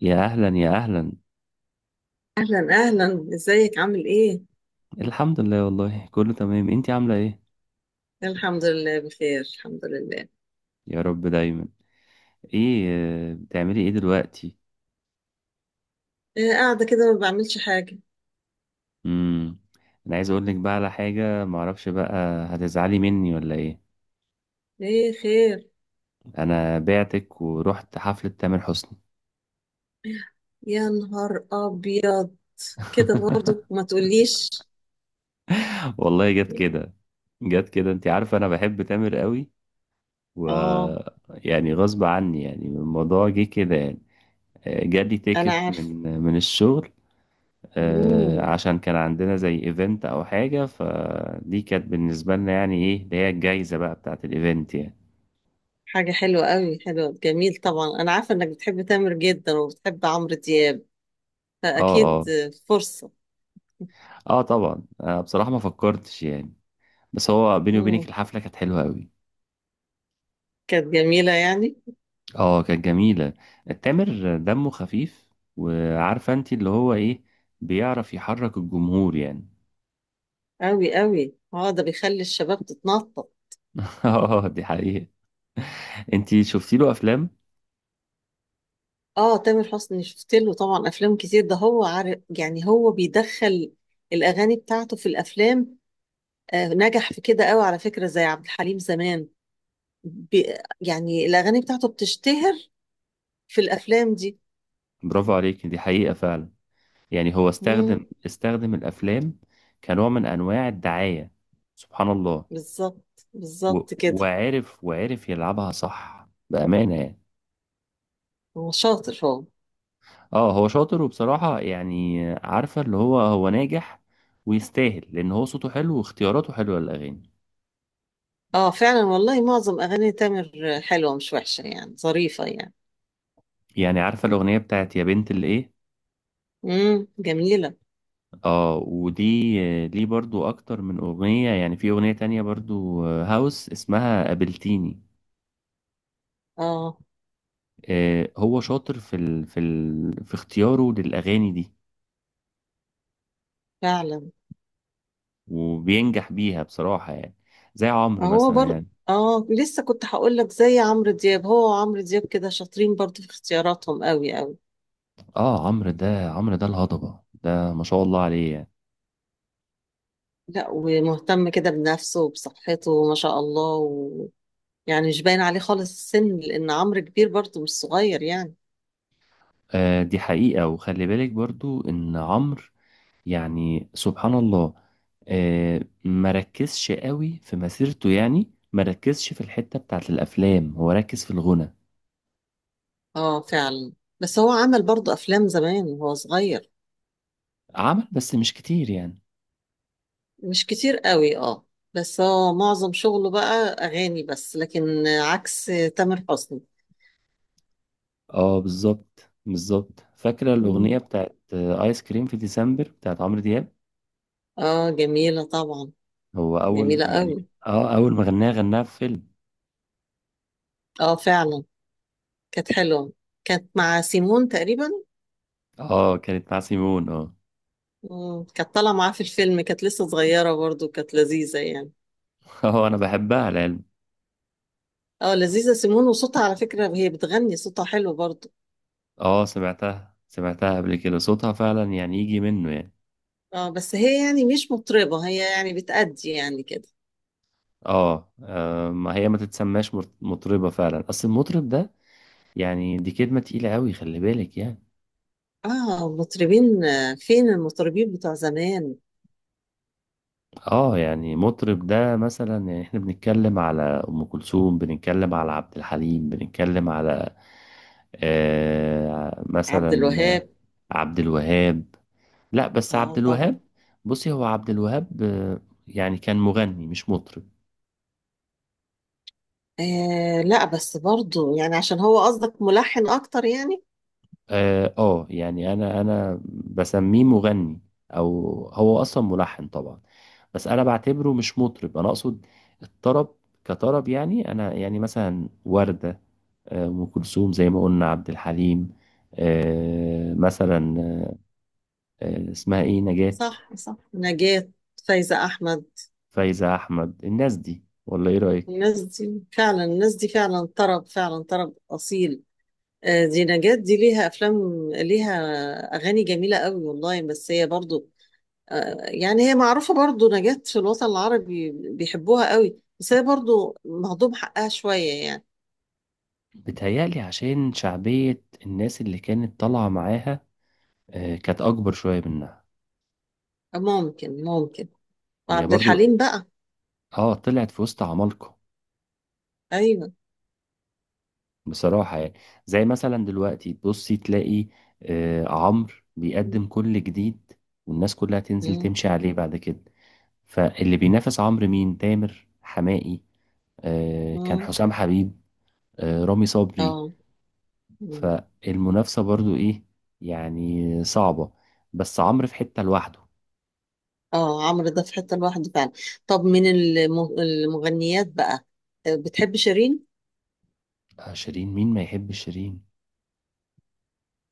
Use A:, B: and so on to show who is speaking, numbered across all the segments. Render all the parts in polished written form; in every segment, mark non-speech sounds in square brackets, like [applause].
A: يا اهلا يا اهلا.
B: أهلا أهلا، إزيك؟ عامل إيه؟
A: الحمد لله، والله كله تمام، انتي عامله ايه؟
B: الحمد لله بخير، الحمد لله.
A: يا رب دايما. ايه؟ بتعملي ايه دلوقتي؟
B: إيه، قاعدة كده ما بعملش حاجة.
A: امم انا عايز اقول لك بقى على حاجه، معرفش بقى، هتزعلي مني ولا ايه؟
B: إيه خير؟
A: انا بعتك ورحت حفله تامر حسني.
B: يا نهار أبيض. كده برضو ما
A: [laughs]
B: تقوليش.
A: والله جت كده. جت كده، انتي عارفه انا بحب تامر قوي. و
B: آه.
A: يعني غصب عني، يعني الموضوع جه كده يعني. جالي
B: أنا
A: تيكت
B: عارفة.
A: من الشغل.
B: مم.
A: عشان كان عندنا زي ايفنت او حاجة، فدي كانت بالنسبة لنا يعني ايه اللي هي الجايزة بقى بتاعة الايفنت يعني.
B: حاجة حلوة قوي، حلوة، جميل. طبعا أنا عارفة إنك بتحب تامر جدا وبتحب عمرو دياب،
A: اه،
B: فأكيد
A: اه.
B: فرصة.
A: اه طبعا. بصراحة ما فكرتش يعني. بس هو بيني وبينك
B: مم.
A: الحفلة كانت حلوة قوي.
B: كانت جميلة يعني.
A: اه كانت جميلة. تامر دمه خفيف. وعارفة انت اللي هو ايه، بيعرف يحرك الجمهور يعني.
B: قوي قوي، اه، ده بيخلي الشباب تتنطط.
A: [laughs] اه دي حقيقة. انت شفتي له افلام؟
B: اه، تامر حسني شفت له طبعا افلام كتير، ده هو عارف يعني، هو بيدخل الاغاني بتاعته في الافلام. نجح في كده قوي على فكره، زي عبد الحليم زمان. بي يعني الاغاني بتاعته بتشتهر في الافلام دي.
A: برافو عليك، دي حقيقة فعلا. يعني هو
B: امم
A: استخدم الافلام كنوع من انواع الدعاية. سبحان الله.
B: بالظبط بالظبط كده.
A: وعرف يلعبها صح بأمانة يعني.
B: هو شاطر هو.
A: اه هو شاطر، وبصراحة يعني عارفة اللي هو هو ناجح ويستاهل، لأن هو صوته حلو واختياراته حلوة للأغاني.
B: اه فعلا، والله معظم اغاني تامر حلوه مش وحشه يعني، ظريفه يعني.
A: يعني عارفة الأغنية بتاعت يا بنت الإيه؟
B: جميله.
A: اه ودي، ليه برضو أكتر من أغنية، يعني في أغنية تانية برضو، هاوس اسمها قابلتيني.
B: اه
A: هو شاطر في في اختياره للأغاني دي،
B: فعلا.
A: وبينجح بيها بصراحة يعني. زي عمرو
B: هو
A: مثلا
B: بر
A: يعني.
B: اه، لسه كنت هقول لك زي عمرو دياب، هو وعمرو دياب كده شاطرين برضو في اختياراتهم قوي قوي.
A: اه عمرو ده الهضبة ده، ما شاء الله عليه يعني.
B: لا، ومهتم كده بنفسه وبصحته ما شاء الله. يعني مش باين عليه خالص السن، لان عمرو كبير برضو مش صغير يعني.
A: آه دي حقيقة. وخلي بالك برضو ان عمرو، يعني سبحان الله، آه ما ركزش قوي في مسيرته، يعني ما ركزش في الحتة بتاعت الافلام، هو ركز في الغنى.
B: اه فعلا. بس هو عمل برضو افلام زمان وهو صغير.
A: عمل بس مش كتير يعني.
B: مش كتير قوي، اه. بس هو معظم شغله بقى اغاني بس، لكن عكس تامر حسني.
A: اه بالظبط بالظبط. فاكرة الأغنية
B: مم.
A: بتاعت آيس كريم في ديسمبر بتاعت عمرو دياب؟
B: اه جميلة طبعا.
A: هو أول
B: جميلة قوي.
A: يعني، اه أول ما غناها غناها في فيلم.
B: اه فعلا. كانت حلوة. كانت مع سيمون تقريبا.
A: اه كانت مع سيمون اه.
B: مم. كانت طالعة معاه في الفيلم، كانت لسه صغيرة برضو، كانت لذيذة يعني.
A: [laughs] اه انا بحبها العلم.
B: اه، لذيذة سيمون، وصوتها على فكرة هي بتغني، صوتها حلو برضو.
A: اه سمعتها سمعتها قبل كده، صوتها فعلا يعني يجي منه يعني.
B: اه، بس هي يعني مش مطربة، هي يعني بتأدي يعني كده.
A: اه، ما هي ما تتسماش مطربة فعلا، اصل المطرب ده يعني دي كلمة تقيلة قوي، خلي بالك يعني.
B: اه، مطربين. فين المطربين بتوع زمان؟
A: اه يعني مطرب ده مثلا، يعني احنا بنتكلم على ام كلثوم، بنتكلم على عبد الحليم، بنتكلم على آه
B: عبد
A: مثلا
B: الوهاب.
A: عبد الوهاب. لا بس
B: اه
A: عبد
B: طبعا.
A: الوهاب. بصي هو عبد الوهاب يعني كان مغني مش مطرب.
B: لا، بس برضو يعني، عشان هو قصدك ملحن اكتر يعني.
A: اه، يعني انا بسميه مغني. او هو اصلا ملحن طبعا، بس انا بعتبره مش مطرب، انا اقصد الطرب كطرب يعني. انا يعني مثلا وردة، ام كلثوم زي ما قلنا، عبد الحليم، مثلا اسمها ايه، نجاة،
B: صح صح، نجاة. فايزة احمد.
A: فايزة احمد. الناس دي، ولا ايه رأيك؟
B: الناس دي فعلا، الناس دي فعلا طرب، فعلا طرب أصيل. دي نجاة، دي ليها أفلام، ليها أغاني جميلة قوي والله. بس هي برضو، يعني هي معروفة برضو نجاة في الوطن العربي، بيحبوها قوي، بس هي برضو مهضوم حقها شوية يعني.
A: بتهيألي عشان شعبية الناس اللي كانت طالعة معاها كانت اكبر شويه منها.
B: آه، ممكن ممكن.
A: هي
B: وعبد
A: برضو
B: الحليم بقى.
A: اه طلعت في وسط عمالقه
B: أيوه.
A: بصراحه يعني. زي مثلا دلوقتي تبصي تلاقي آه عمرو
B: مم.
A: بيقدم كل جديد، والناس كلها تنزل
B: مم.
A: تمشي عليه بعد كده. فاللي بينافس عمرو مين؟ تامر حماقي، آه كان
B: مم.
A: حسام حبيب، آه رامي صبري.
B: اه. مم.
A: فالمنافسه برضو ايه، يعني صعبه. بس عمرو في حته لوحده.
B: اه، عمرو ده في حتة لوحده فعلا. طب من المغنيات بقى، بتحب شيرين؟
A: آه شيرين؟ مين ما يحب شيرين.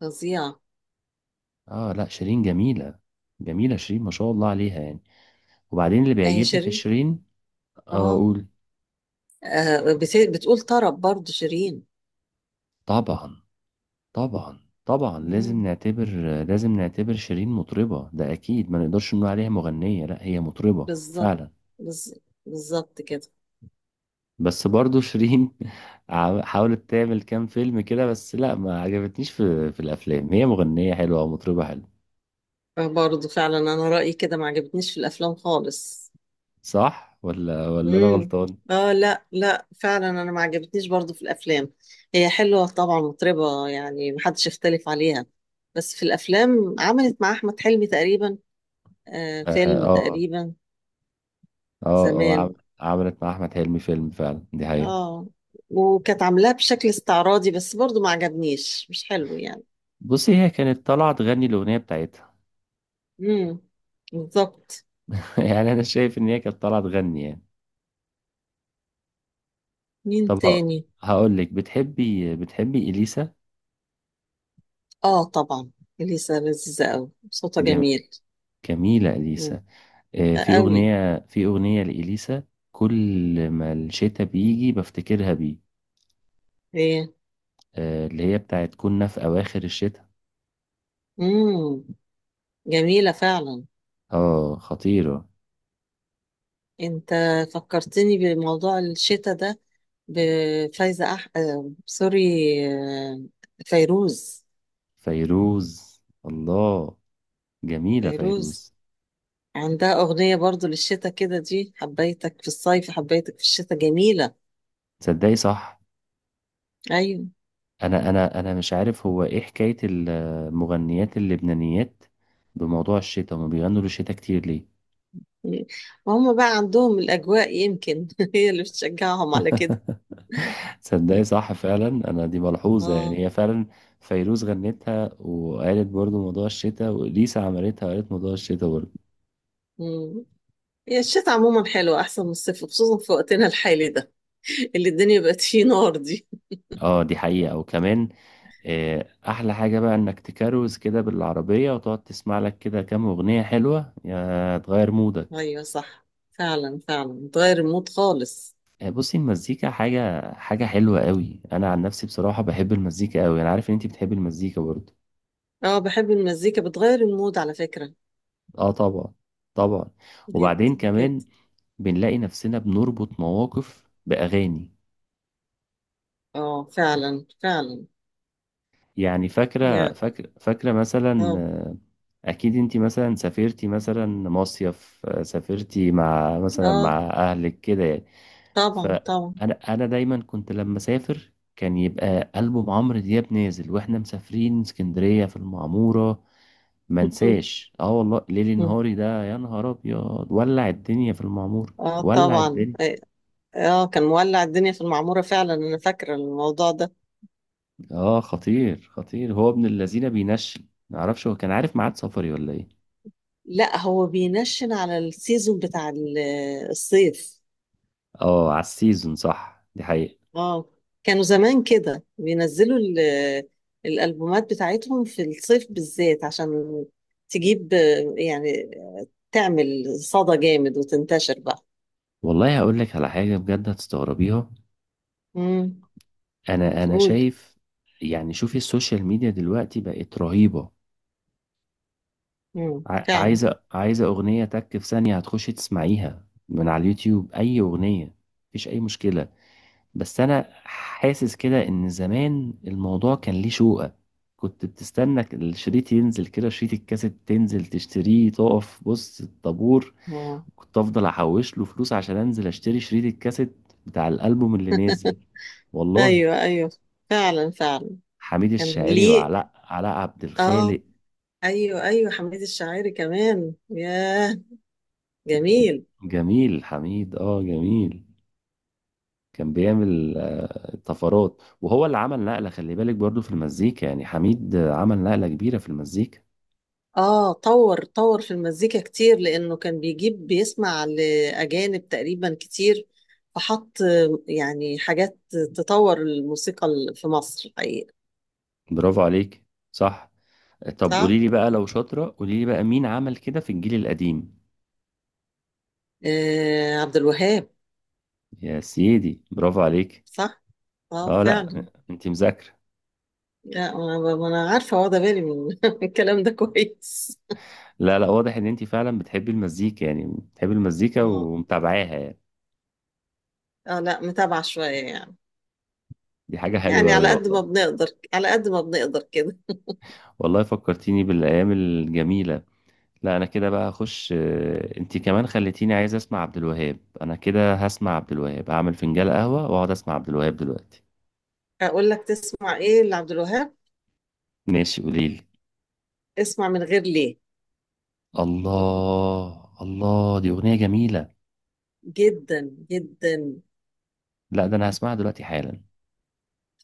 B: فظيعة.
A: اه لا شيرين جميله. جميله شيرين ما شاء الله عليها يعني. وبعدين اللي
B: اهي
A: بيعجبني في
B: شيرين.
A: شيرين،
B: اه.
A: اقول.
B: بتقول طرب برضو شيرين؟
A: طبعا. طبعا طبعا لازم
B: مم.
A: نعتبر، لازم نعتبر شيرين مطربة، ده اكيد. ما نقدرش نقول عليها مغنية، لا هي مطربة
B: بالظبط.
A: فعلا.
B: بالظ- بالظبط كده.
A: بس برضو شيرين [laughs] حاولت تعمل كام فيلم كده، بس لا ما عجبتنيش في الافلام. هي مغنية حلوة ومطربة حلوة.
B: برضو فعلا، انا رأيي كده ما عجبتنيش في الافلام خالص.
A: صح ولا انا
B: امم
A: غلطان؟
B: اه لا لا، فعلا انا ما عجبتنيش برضو في الافلام. هي حلوة طبعا، مطربة يعني محدش يختلف عليها. بس في الافلام عملت مع احمد حلمي تقريبا
A: اه
B: فيلم
A: اه.
B: تقريبا،
A: اه
B: زمان.
A: عملت مع احمد حلمي فيلم فعلا، دي حقيقة.
B: اه، وكانت عاملاه بشكل استعراضي، بس برضو ما عجبنيش مش حلو يعني.
A: بصي هي كانت طالعة تغني الأغنية بتاعتها.
B: امم بالظبط.
A: [laughs] يعني انا شايف ان هي كانت طالعه تغني يعني.
B: مين
A: طب
B: تاني؟
A: هقول لك، بتحبي اليسا؟
B: اه طبعا، اليسا لذيذة قوي، صوتها
A: جم...
B: جميل.
A: جميله
B: امم
A: اليسا. في
B: قوي.
A: اغنيه في اغنيه لاليسا، كل ما الشتاء بيجي بفتكرها بيه،
B: هي.
A: اللي هي بتاعت كنا في اواخر الشتاء.
B: امم جميلة فعلا.
A: اه خطيره.
B: انت فكرتني بموضوع الشتاء ده. بفايزة سوري. آه، فيروز.
A: فيروز الله، جميله
B: فيروز
A: فيروز.
B: عندها أغنية برضو للشتاء كده، دي حبيتك في الصيف، حبيتك في الشتاء، جميلة.
A: تصدقي صح،
B: أيوة.
A: انا انا مش عارف هو ايه حكايه المغنيات اللبنانيات بموضوع الشتاء، هما بيغنوا للشتاء كتير ليه.
B: وهم بقى عندهم الأجواء يمكن، [laughs] هي اللي بتشجعهم على كده.
A: [laughs] تصدقي صح فعلا، انا دي ملحوظه يعني،
B: اه.
A: هي فعلا فيروز غنتها وقالت برضو موضوع الشتاء، وليسا عملتها وقالت موضوع الشتاء برضو.
B: مم. هي الشتاء عموما حلوة، أحسن من الصيف، خصوصا في وقتنا الحالي ده اللي الدنيا بقت فيه نار دي.
A: اه دي حقيقه. وكمان احلى حاجه بقى انك تكروز كده بالعربيه، وتقعد تسمع لك كده كام اغنيه حلوه يا تغير مودك.
B: أيوة صح. فعلا فعلا، بتغير المود خالص.
A: بصي المزيكا حاجه حلوه قوي، انا عن نفسي بصراحه بحب المزيكا قوي، انا عارف ان انت بتحبي المزيكا برضو.
B: اه، بحب المزيكا، بتغير المود على فكرة.
A: اه طبعا. طبعا.
B: جدا.
A: وبعدين كمان
B: جدا.
A: بنلاقي نفسنا بنربط مواقف باغاني،
B: اه فعلا فعلا.
A: يعني فاكرة
B: يعني.
A: فاكرة فاكرة مثلا،
B: اه.
A: أكيد أنت مثلا سافرتي مثلا مصيف، سافرتي مع مثلا
B: اه
A: مع أهلك كده يعني.
B: طبعا طبعا.
A: فأنا دايما كنت لما أسافر كان يبقى ألبوم عمرو دياب نازل، وإحنا مسافرين اسكندرية في المعمورة.
B: مم.
A: منساش اه والله ليلي
B: مم.
A: نهاري ده، يا نهار أبيض ولع الدنيا في المعمورة،
B: اه
A: ولع
B: طبعا.
A: الدنيا.
B: إيه، اه، كان مولع الدنيا في المعمورة فعلا، أنا فاكرة الموضوع ده.
A: اه خطير خطير، هو ابن الذين بينشل، معرفش هو كان عارف ميعاد سفري ولا إيه.
B: لا، هو بينشن على السيزون بتاع الصيف.
A: اه على السيزون، صح دي حقيقة.
B: اه، كانوا زمان كده بينزلوا الألبومات بتاعتهم في الصيف بالذات، عشان تجيب، يعني تعمل صدى جامد وتنتشر بقى.
A: والله هقول لك على حاجة بجد هتستغربيها.
B: امم
A: انا
B: قول.
A: شايف يعني، شوفي السوشيال ميديا دلوقتي بقت رهيبة.
B: فعلا.
A: عايزة اغنية، تك في ثانية هتخشي تسمعيها من على اليوتيوب اي اغنية، مفيش اي مشكلة. بس انا حاسس كده ان زمان الموضوع كان ليه شوقة، كنت بتستنى الشريط ينزل كده، شريط الكاسيت تنزل تشتريه تقف بص الطابور،
B: اه.
A: كنت افضل احوش له فلوس عشان انزل اشتري شريط الكاسيت بتاع الالبوم اللي نازل والله.
B: ايوه ايوه، فعلا فعلا.
A: حميد
B: كان
A: الشاعري،
B: ليه.
A: وعلاء عبد
B: اه.
A: الخالق.
B: ايوه ايوه، حميد الشاعري كمان. ياه، جميل.
A: جميل حميد، اه جميل. كان بيعمل طفرات، وهو اللي عمل نقلة، خلي بالك برضو في المزيكا يعني، حميد عمل نقلة كبيرة في المزيكا.
B: اه، طور طور في المزيكا كتير، لانه كان بيجيب بيسمع لاجانب تقريبا كتير، فحط يعني حاجات تطور الموسيقى في مصر، الحقيقه.
A: برافو عليك. صح. طب
B: صح.
A: قولي لي بقى لو شاطرة، قولي لي بقى مين عمل كده في الجيل القديم؟
B: عبد الوهاب.
A: يا سيدي برافو عليك.
B: صح. اه
A: اه لا
B: فعلا.
A: انت مذاكرة.
B: لا، انا، ما أنا عارفه واخده بالي من [laughs] الكلام ده كويس.
A: لا لا، واضح ان انت فعلا بتحبي المزيكا يعني، بتحبي المزيكا
B: اه.
A: ومتابعاها يعني.
B: اه لا، متابعه شويه يعني.
A: دي حاجة
B: يعني
A: حلوة أوي
B: على قد ما
A: والله.
B: بنقدر، على قد ما بنقدر كده.
A: والله فكرتيني بالأيام الجميلة. لا أنا كده بقى هخش، انت كمان خليتيني عايز أسمع عبد الوهاب، أنا كده هسمع عبد الوهاب، هعمل فنجان قهوة وأقعد أسمع عبد الوهاب دلوقتي.
B: اقول لك تسمع ايه لعبد الوهاب؟
A: ماشي قوليلي.
B: اسمع من غير ليه.
A: الله الله، دي أغنية جميلة.
B: جدا جدا.
A: لا ده أنا هسمعها دلوقتي حالا.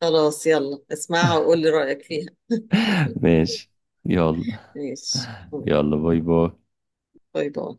B: خلاص، يلا اسمعها وقول لي رأيك فيها.
A: [laughs] ماشي. يلا.
B: ماشي.
A: يلا باي باي.
B: باي باي.